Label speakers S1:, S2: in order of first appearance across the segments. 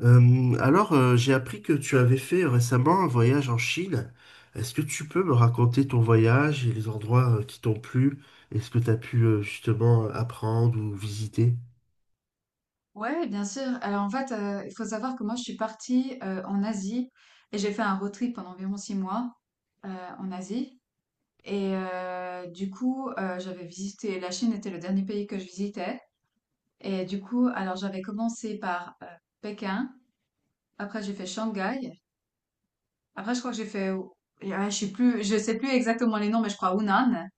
S1: J'ai appris que tu avais fait récemment un voyage en Chine. Est-ce que tu peux me raconter ton voyage et les endroits qui t'ont plu et ce que tu as pu justement apprendre ou visiter?
S2: Ouais, bien sûr. Alors en fait, il faut savoir que moi je suis partie, en Asie et j'ai fait un road trip pendant environ 6 mois, heu, en Asie et du coup, j'avais visité la Chine était le dernier pays que je visitais. Et du coup, alors j'avais commencé par, Pékin, après j'ai fait Shanghai, après je crois que j'ai fait ou je sais plus exactement les noms, mais je crois Hunan.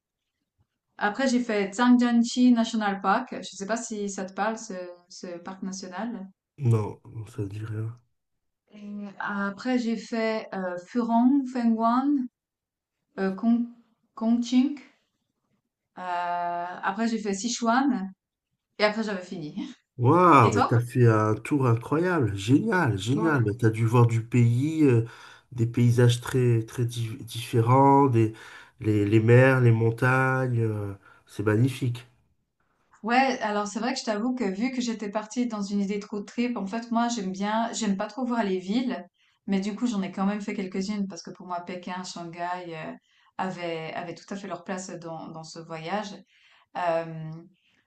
S2: Après j'ai fait Zhangjiajie National Park, je sais pas si ça te parle ce parc national?
S1: Non, ça ne dit rien.
S2: Et après, j'ai fait Furong, Fengguan, Kong, Ching. Après, j'ai fait Sichuan. Et après, j'avais fini. Et
S1: Waouh, mais t'as
S2: toi?
S1: fait un tour incroyable, génial,
S2: Ouais.
S1: génial. Mais t'as dû voir du pays, des paysages très très différents, des les mers, les montagnes, c'est magnifique.
S2: Ouais, alors c'est vrai que je t'avoue que vu que j'étais partie dans une idée de road trip, en fait, moi, j'aime bien, j'aime pas trop voir les villes. Mais du coup, j'en ai quand même fait quelques-unes parce que pour moi, Pékin, Shanghai euh, avaient tout à fait leur place dans ce voyage. Euh,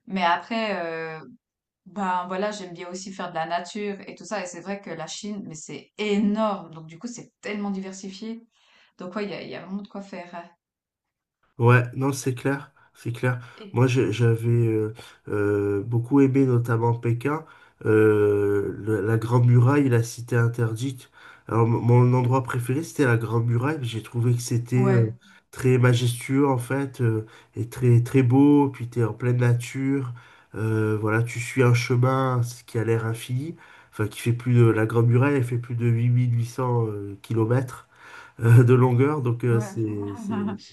S2: mais après, ben voilà, j'aime bien aussi faire de la nature et tout ça. Et c'est vrai que la Chine, mais c'est énorme. Donc du coup, c'est tellement diversifié. Donc ouais, il y a vraiment de quoi faire, hein.
S1: Ouais, non, c'est clair, c'est clair.
S2: Et
S1: Moi, j'avais beaucoup aimé, notamment Pékin, la Grande Muraille et la Cité Interdite. Alors, mon endroit préféré, c'était la Grande Muraille. J'ai trouvé que c'était
S2: ouais,
S1: très majestueux, en fait, et très, très beau. Puis, t'es en pleine nature. Voilà, tu suis un chemin ce qui a l'air infini. Enfin, qui fait la Grande Muraille, elle fait plus de huit mille huit cents kilomètres de longueur.
S2: ouais.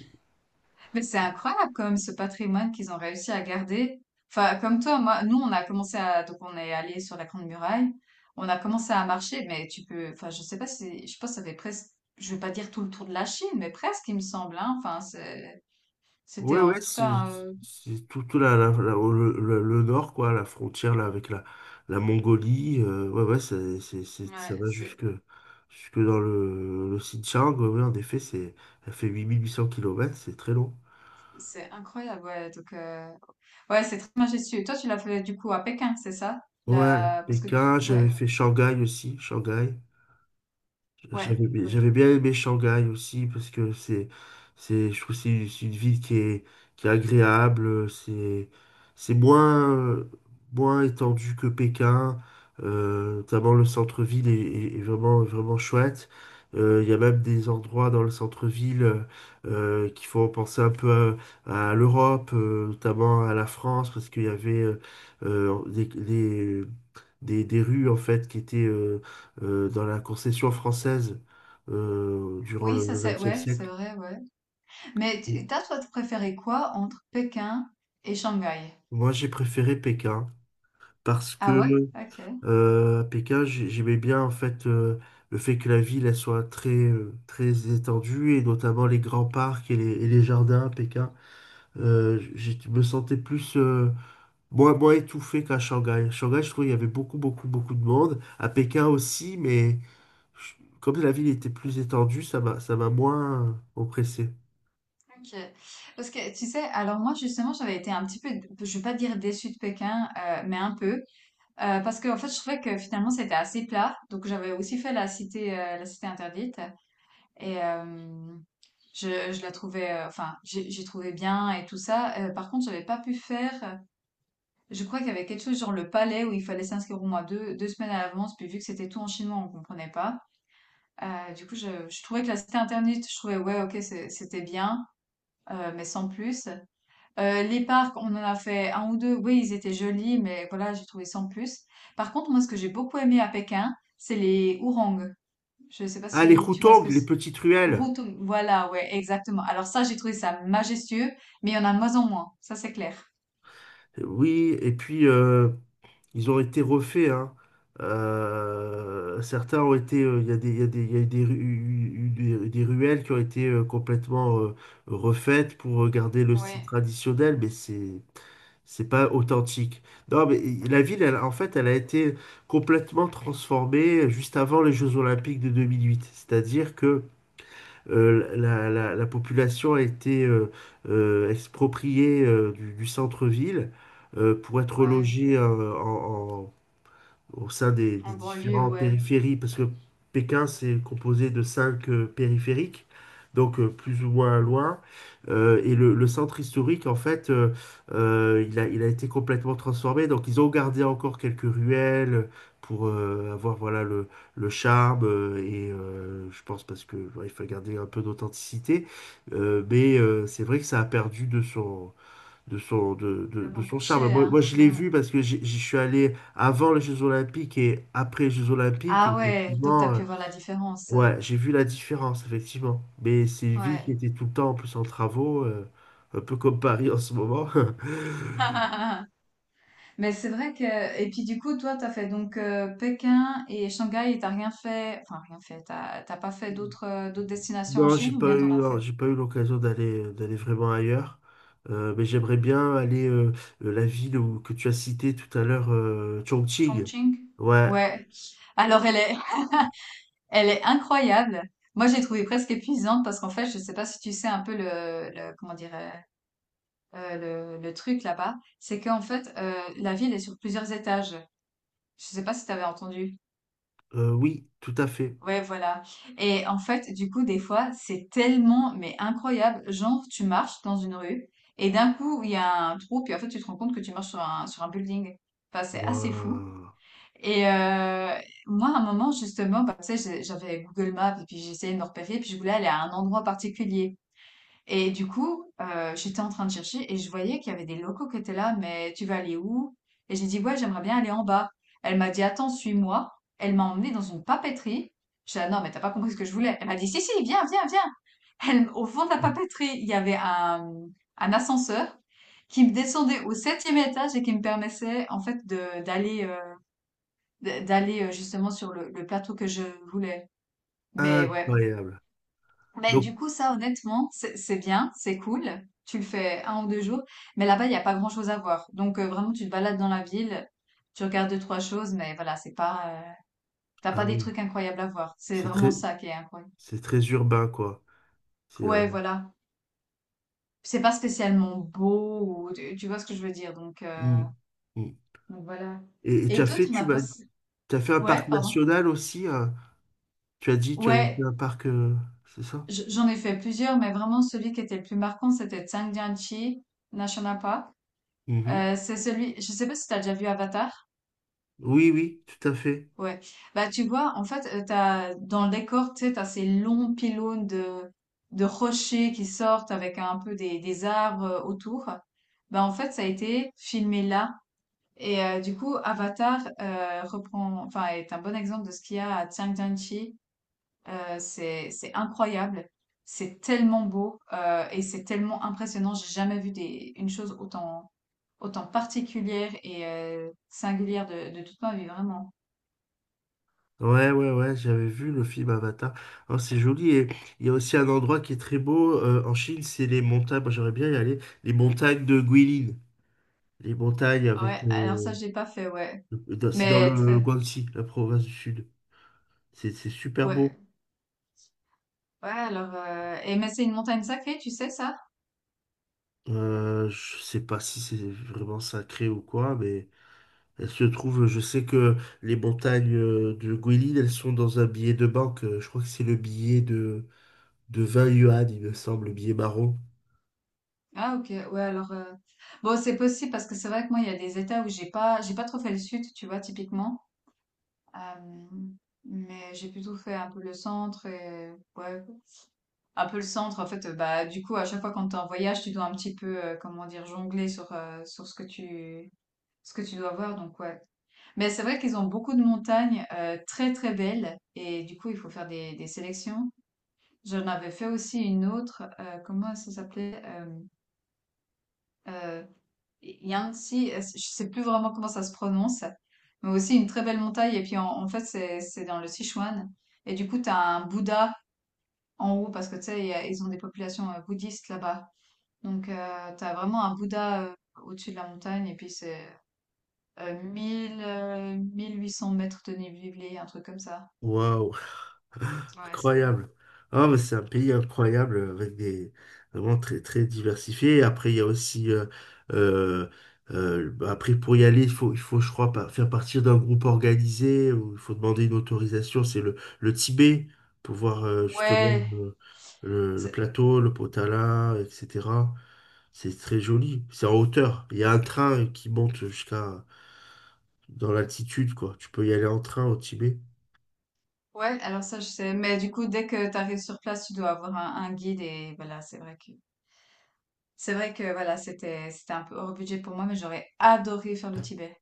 S2: Mais c'est incroyable quand même ce patrimoine qu'ils ont réussi à garder. Enfin, comme toi, moi, nous, on a commencé à, donc on est allé sur la Grande Muraille. On a commencé à marcher, mais tu peux, enfin, je sais pas si, je pense que ça fait presque, je vais pas dire tout le tour de la Chine, mais presque, il me semble, hein. Enfin, c'était
S1: Ouais,
S2: en
S1: ouais,
S2: tout cas,
S1: c'est tout le, le nord, quoi, la frontière là, avec la Mongolie. Ouais, ouais, ça va
S2: ouais,
S1: jusque, jusque dans le Xinjiang. Ouais, ouais, en effet, elle fait 8800 kilomètres, c'est très long.
S2: c'est incroyable, ouais, donc ouais, c'est très majestueux. Toi, tu l'as fait, du coup, à Pékin, c'est ça?
S1: Ouais,
S2: La parce que tu
S1: Pékin, j'avais
S2: ouais,
S1: fait Shanghai aussi, Shanghai.
S2: ouais, OK.
S1: J'avais bien aimé Shanghai aussi parce que je trouve que c'est une ville qui est agréable, c'est moins, moins étendu que Pékin, notamment le centre-ville est vraiment, vraiment chouette. Il y a même des endroits dans le centre-ville qui font penser un peu à l'Europe, notamment à la France, parce qu'il y avait euh, des, des, des rues en fait qui étaient dans la concession française durant
S2: Oui, ça
S1: le
S2: c'est
S1: XXe
S2: ouais, c'est
S1: siècle.
S2: vrai, ouais. Mais tu toi, préféré quoi entre Pékin et Shanghai?
S1: Moi, j'ai préféré Pékin parce
S2: Ah
S1: que
S2: ouais? OK,
S1: à Pékin, j'aimais bien en fait le fait que la ville elle soit très très étendue et notamment les grands parcs et et les jardins à Pékin. Je me sentais plus moins étouffé qu'à Shanghai. À Shanghai, je trouvais il y avait beaucoup de monde. À Pékin aussi, mais je- comme la ville était plus étendue, ça m'a moins oppressé.
S2: OK. Parce que tu sais, alors moi, justement, j'avais été un petit peu, je vais pas dire déçue de Pékin, mais un peu, parce que, en fait, je trouvais que finalement, c'était assez plat. Donc j'avais aussi fait la cité interdite et hem je la trouvais, enfin, j'ai trouvé bien et tout ça. Par contre, j'avais pas pu faire. Je crois qu'il y avait quelque chose genre le palais où il fallait s'inscrire au moins 2 semaines à l'avance. Puis vu que c'était tout en chinois, on comprenait pas. Du coup, je trouvais que la cité internet, je trouvais ouais, ok, c'était bien, mais sans plus. Les parcs, on en a fait un ou deux. Oui, ils étaient jolis, mais voilà, j'ai trouvé sans plus. Par contre, moi, ce que j'ai beaucoup aimé à Pékin, c'est les ourangs. Je sais pas
S1: Ah, les
S2: si tu vois ce
S1: Houtang,
S2: que
S1: les
S2: c'est.
S1: petites ruelles.
S2: Voilà, ouais, exactement. Alors ça, j'ai trouvé ça majestueux, mais il y en a de moins en moins, ça c'est clair.
S1: Oui, et puis ils ont été refaits, hein. Certains ont été. Il y a il y a eu des, ru- eu des ruelles qui ont été complètement refaites pour garder le style
S2: Ouais,
S1: traditionnel, mais c'est pas authentique. Non, mais la ville, elle, en fait, elle a été complètement transformée juste avant les Jeux Olympiques de 2008. C'est-à-dire que la population a été expropriée du centre-ville pour être
S2: ouais,
S1: logée au sein des
S2: en banlieue,
S1: différentes
S2: ouais,
S1: périphéries, parce que Pékin, c'est composé de cinq périphériques, donc plus ou moins loin. Le centre historique, en fait, il a été complètement transformé. Donc, ils ont gardé encore quelques ruelles pour avoir voilà, le charme. Je pense parce que ouais, il faut garder un peu d'authenticité. C'est vrai que ça a perdu de
S2: le
S1: de
S2: vent
S1: son charme.
S2: caché, hein,
S1: Moi, je l'ai
S2: ouais.
S1: vu parce que j'y suis allé avant les Jeux Olympiques et après les Jeux Olympiques. Et
S2: Ah ouais, donc t'as
S1: effectivement,
S2: pu voir la différence,
S1: ouais, j'ai vu la différence, effectivement. Mais c'est une ville qui
S2: ouais.
S1: était tout le temps en plus en travaux, un peu comme Paris en ce moment.
S2: Mais c'est vrai que, et puis du coup, toi, t'as fait donc Pékin et Shanghai et t'as rien fait, enfin rien fait, t'as pas fait d'autres destinations en
S1: Non, j'ai
S2: Chine ou
S1: pas
S2: bien t'en
S1: eu,
S2: as
S1: non,
S2: fait?
S1: j'ai pas eu l'occasion d'aller vraiment ailleurs. Mais j'aimerais bien aller la ville que tu as citée tout à l'heure, Chongqing.
S2: Chongqing?
S1: Ouais,
S2: Ouais. Alors elle est, elle est incroyable. Moi, j'ai trouvé presque épuisante parce qu'en fait, je ne sais pas si tu sais un peu le, comment dirais, le truc là-bas, c'est qu'en fait, la ville est sur plusieurs étages. Je ne sais pas si tu avais entendu.
S1: oui, tout à fait.
S2: Ouais, voilà. Et en fait, du coup, des fois, c'est tellement, mais incroyable. Genre, tu marches dans une rue et d'un coup, il y a un trou, puis en fait, tu te rends compte que tu marches sur un building. Enfin, c'est assez fou.
S1: Waouh.
S2: Et euh, Moi, à un moment, justement, bah, tu sais, j'avais Google Maps et puis j'essayais de me repérer, puis je voulais aller à un endroit particulier. Et du coup, j'étais en train de chercher et je voyais qu'il y avait des locaux qui étaient là, mais tu vas aller où? Et j'ai dit, ouais, j'aimerais bien aller en bas. Elle m'a dit, attends, suis-moi. Elle m'a emmenée dans une papeterie. Je dis ah non, mais t'as pas compris ce que je voulais. Elle m'a dit, si, si, viens, viens, viens. Elle, au fond de la papeterie, il y avait un ascenseur qui me descendait au septième étage et qui me permettait, en fait, d'aller justement sur le plateau que je voulais. Mais ouais.
S1: Incroyable.
S2: Mais
S1: Donc,
S2: du coup, ça honnêtement, c'est bien, c'est cool. Tu le fais 1 ou 2 jours, mais là-bas, il y a pas grand-chose à voir. Donc, vraiment, tu te balades dans la ville, tu regardes deux trois choses, mais voilà, c'est pas, tu
S1: ah
S2: pas des
S1: oui,
S2: trucs incroyables à voir. C'est
S1: c'est
S2: vraiment
S1: très,
S2: ça qui est incroyable.
S1: c'est très urbain, quoi. C'est, euh,
S2: Ouais, voilà. C'est pas spécialement beau ou tu vois ce que je veux dire?
S1: mm, mm.
S2: Donc voilà.
S1: Et tu
S2: Et
S1: as
S2: toi, tu en as pensé
S1: tu as fait un parc
S2: ouais, pardon?
S1: national aussi, hein. Tu as dit, tu as fait
S2: Ouais.
S1: un parc, c'est ça?
S2: J'en ai fait plusieurs, mais vraiment celui qui était le plus marquant, c'était Zhangjiajie National Park.
S1: Mhm.
S2: C'est celui, je sais pas si t'as déjà vu Avatar.
S1: Oui, oui, tout à fait.
S2: Ouais. Bah, tu vois, en fait, t'as, dans le décor, tu sais, t'as ces longs pylônes de rochers qui sortent avec un peu des arbres autour. Bah, en fait, ça a été filmé là. Du coup, Avatar reprend, enfin, est un bon exemple de ce qu'il y a à Zhangjiajie. C'est incroyable, c'est tellement beau, et c'est tellement impressionnant. J'ai jamais vu des une chose autant particulière et singulière de toute ma vie, vraiment.
S1: Ouais, ouais, ouais, j'avais vu le film Avatar. Oh, c'est joli. Et il y a aussi un endroit qui est très beau en Chine, c'est les montagnes. Moi, j'aimerais bien y aller. Les montagnes de Guilin. Les montagnes
S2: Ah
S1: avec.
S2: ouais, alors ça, je l'ai pas fait, ouais.
S1: Dans- C'est dans
S2: Mais
S1: le
S2: très
S1: Guangxi, la province du Sud. C'est super beau.
S2: ouais. Ouais, alors, et mais c'est une montagne sacrée, tu sais ça?
S1: Je sais pas si c'est vraiment sacré ou quoi, mais elle se trouve, je sais que les montagnes de Guilin, elles sont dans un billet de banque. Je crois que c'est le de 20 yuan, il me semble, le billet marron.
S2: Ah OK, ouais alors, bon c'est possible parce que c'est vrai que moi il y a des états où j'ai pas trop fait le sud, tu vois? Typiquement, hem, mais j'ai plutôt fait un peu le centre et ouais, un peu le centre en fait, bah, du coup à chaque fois quand tu es en voyage, tu dois un petit peu, comment dire? Jongler sur, sur ce que tu dois voir donc ouais. Mais c'est vrai qu'ils ont beaucoup de montagnes, très, très belles et du coup il faut faire des sélections. J'en avais fait aussi une autre, comment ça s'appelait? Euh, Il y a un petit, je sais plus vraiment comment ça se prononce, mais aussi une très belle montagne. Et puis en fait, c'est dans le Sichuan. Et du coup, tu as un Bouddha en haut parce que tu sais, ils ont des populations bouddhistes là-bas. Donc, tu as vraiment un Bouddha au-dessus de la montagne. Et puis, c'est 1 800 mètres de dénivelé, un truc comme ça.
S1: Waouh!
S2: Ouais, c'est vrai.
S1: Incroyable. Ah, mais c'est un pays incroyable avec des vraiment très très diversifié. Après, il y a aussi euh, bah, après pour y aller, il faut je crois pas faire partie d'un groupe organisé où il faut demander une autorisation. C'est le Tibet pour voir justement
S2: Ouais,
S1: le
S2: c'est-
S1: plateau, le Potala, etc. C'est très joli. C'est en hauteur. Il y a un train qui monte jusqu'à dans l'altitude quoi. Tu peux y aller en train au Tibet.
S2: ouais, alors ça, je sais. Mais du coup, dès que tu arrives sur place, tu dois avoir un guide. Et voilà, c'est vrai que voilà, c'était un peu hors budget pour moi, mais j'aurais adoré faire le Tibet.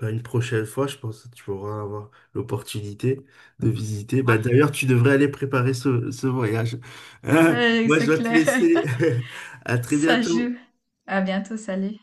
S1: Bah, une prochaine fois, je pense que tu auras avoir l'opportunité de visiter. Bah,
S2: Ouais,
S1: d'ailleurs, tu devrais aller préparer ce voyage. Moi, je
S2: C'est
S1: dois te
S2: clair.
S1: laisser. À très
S2: Ça
S1: bientôt.
S2: joue. À bientôt, salut.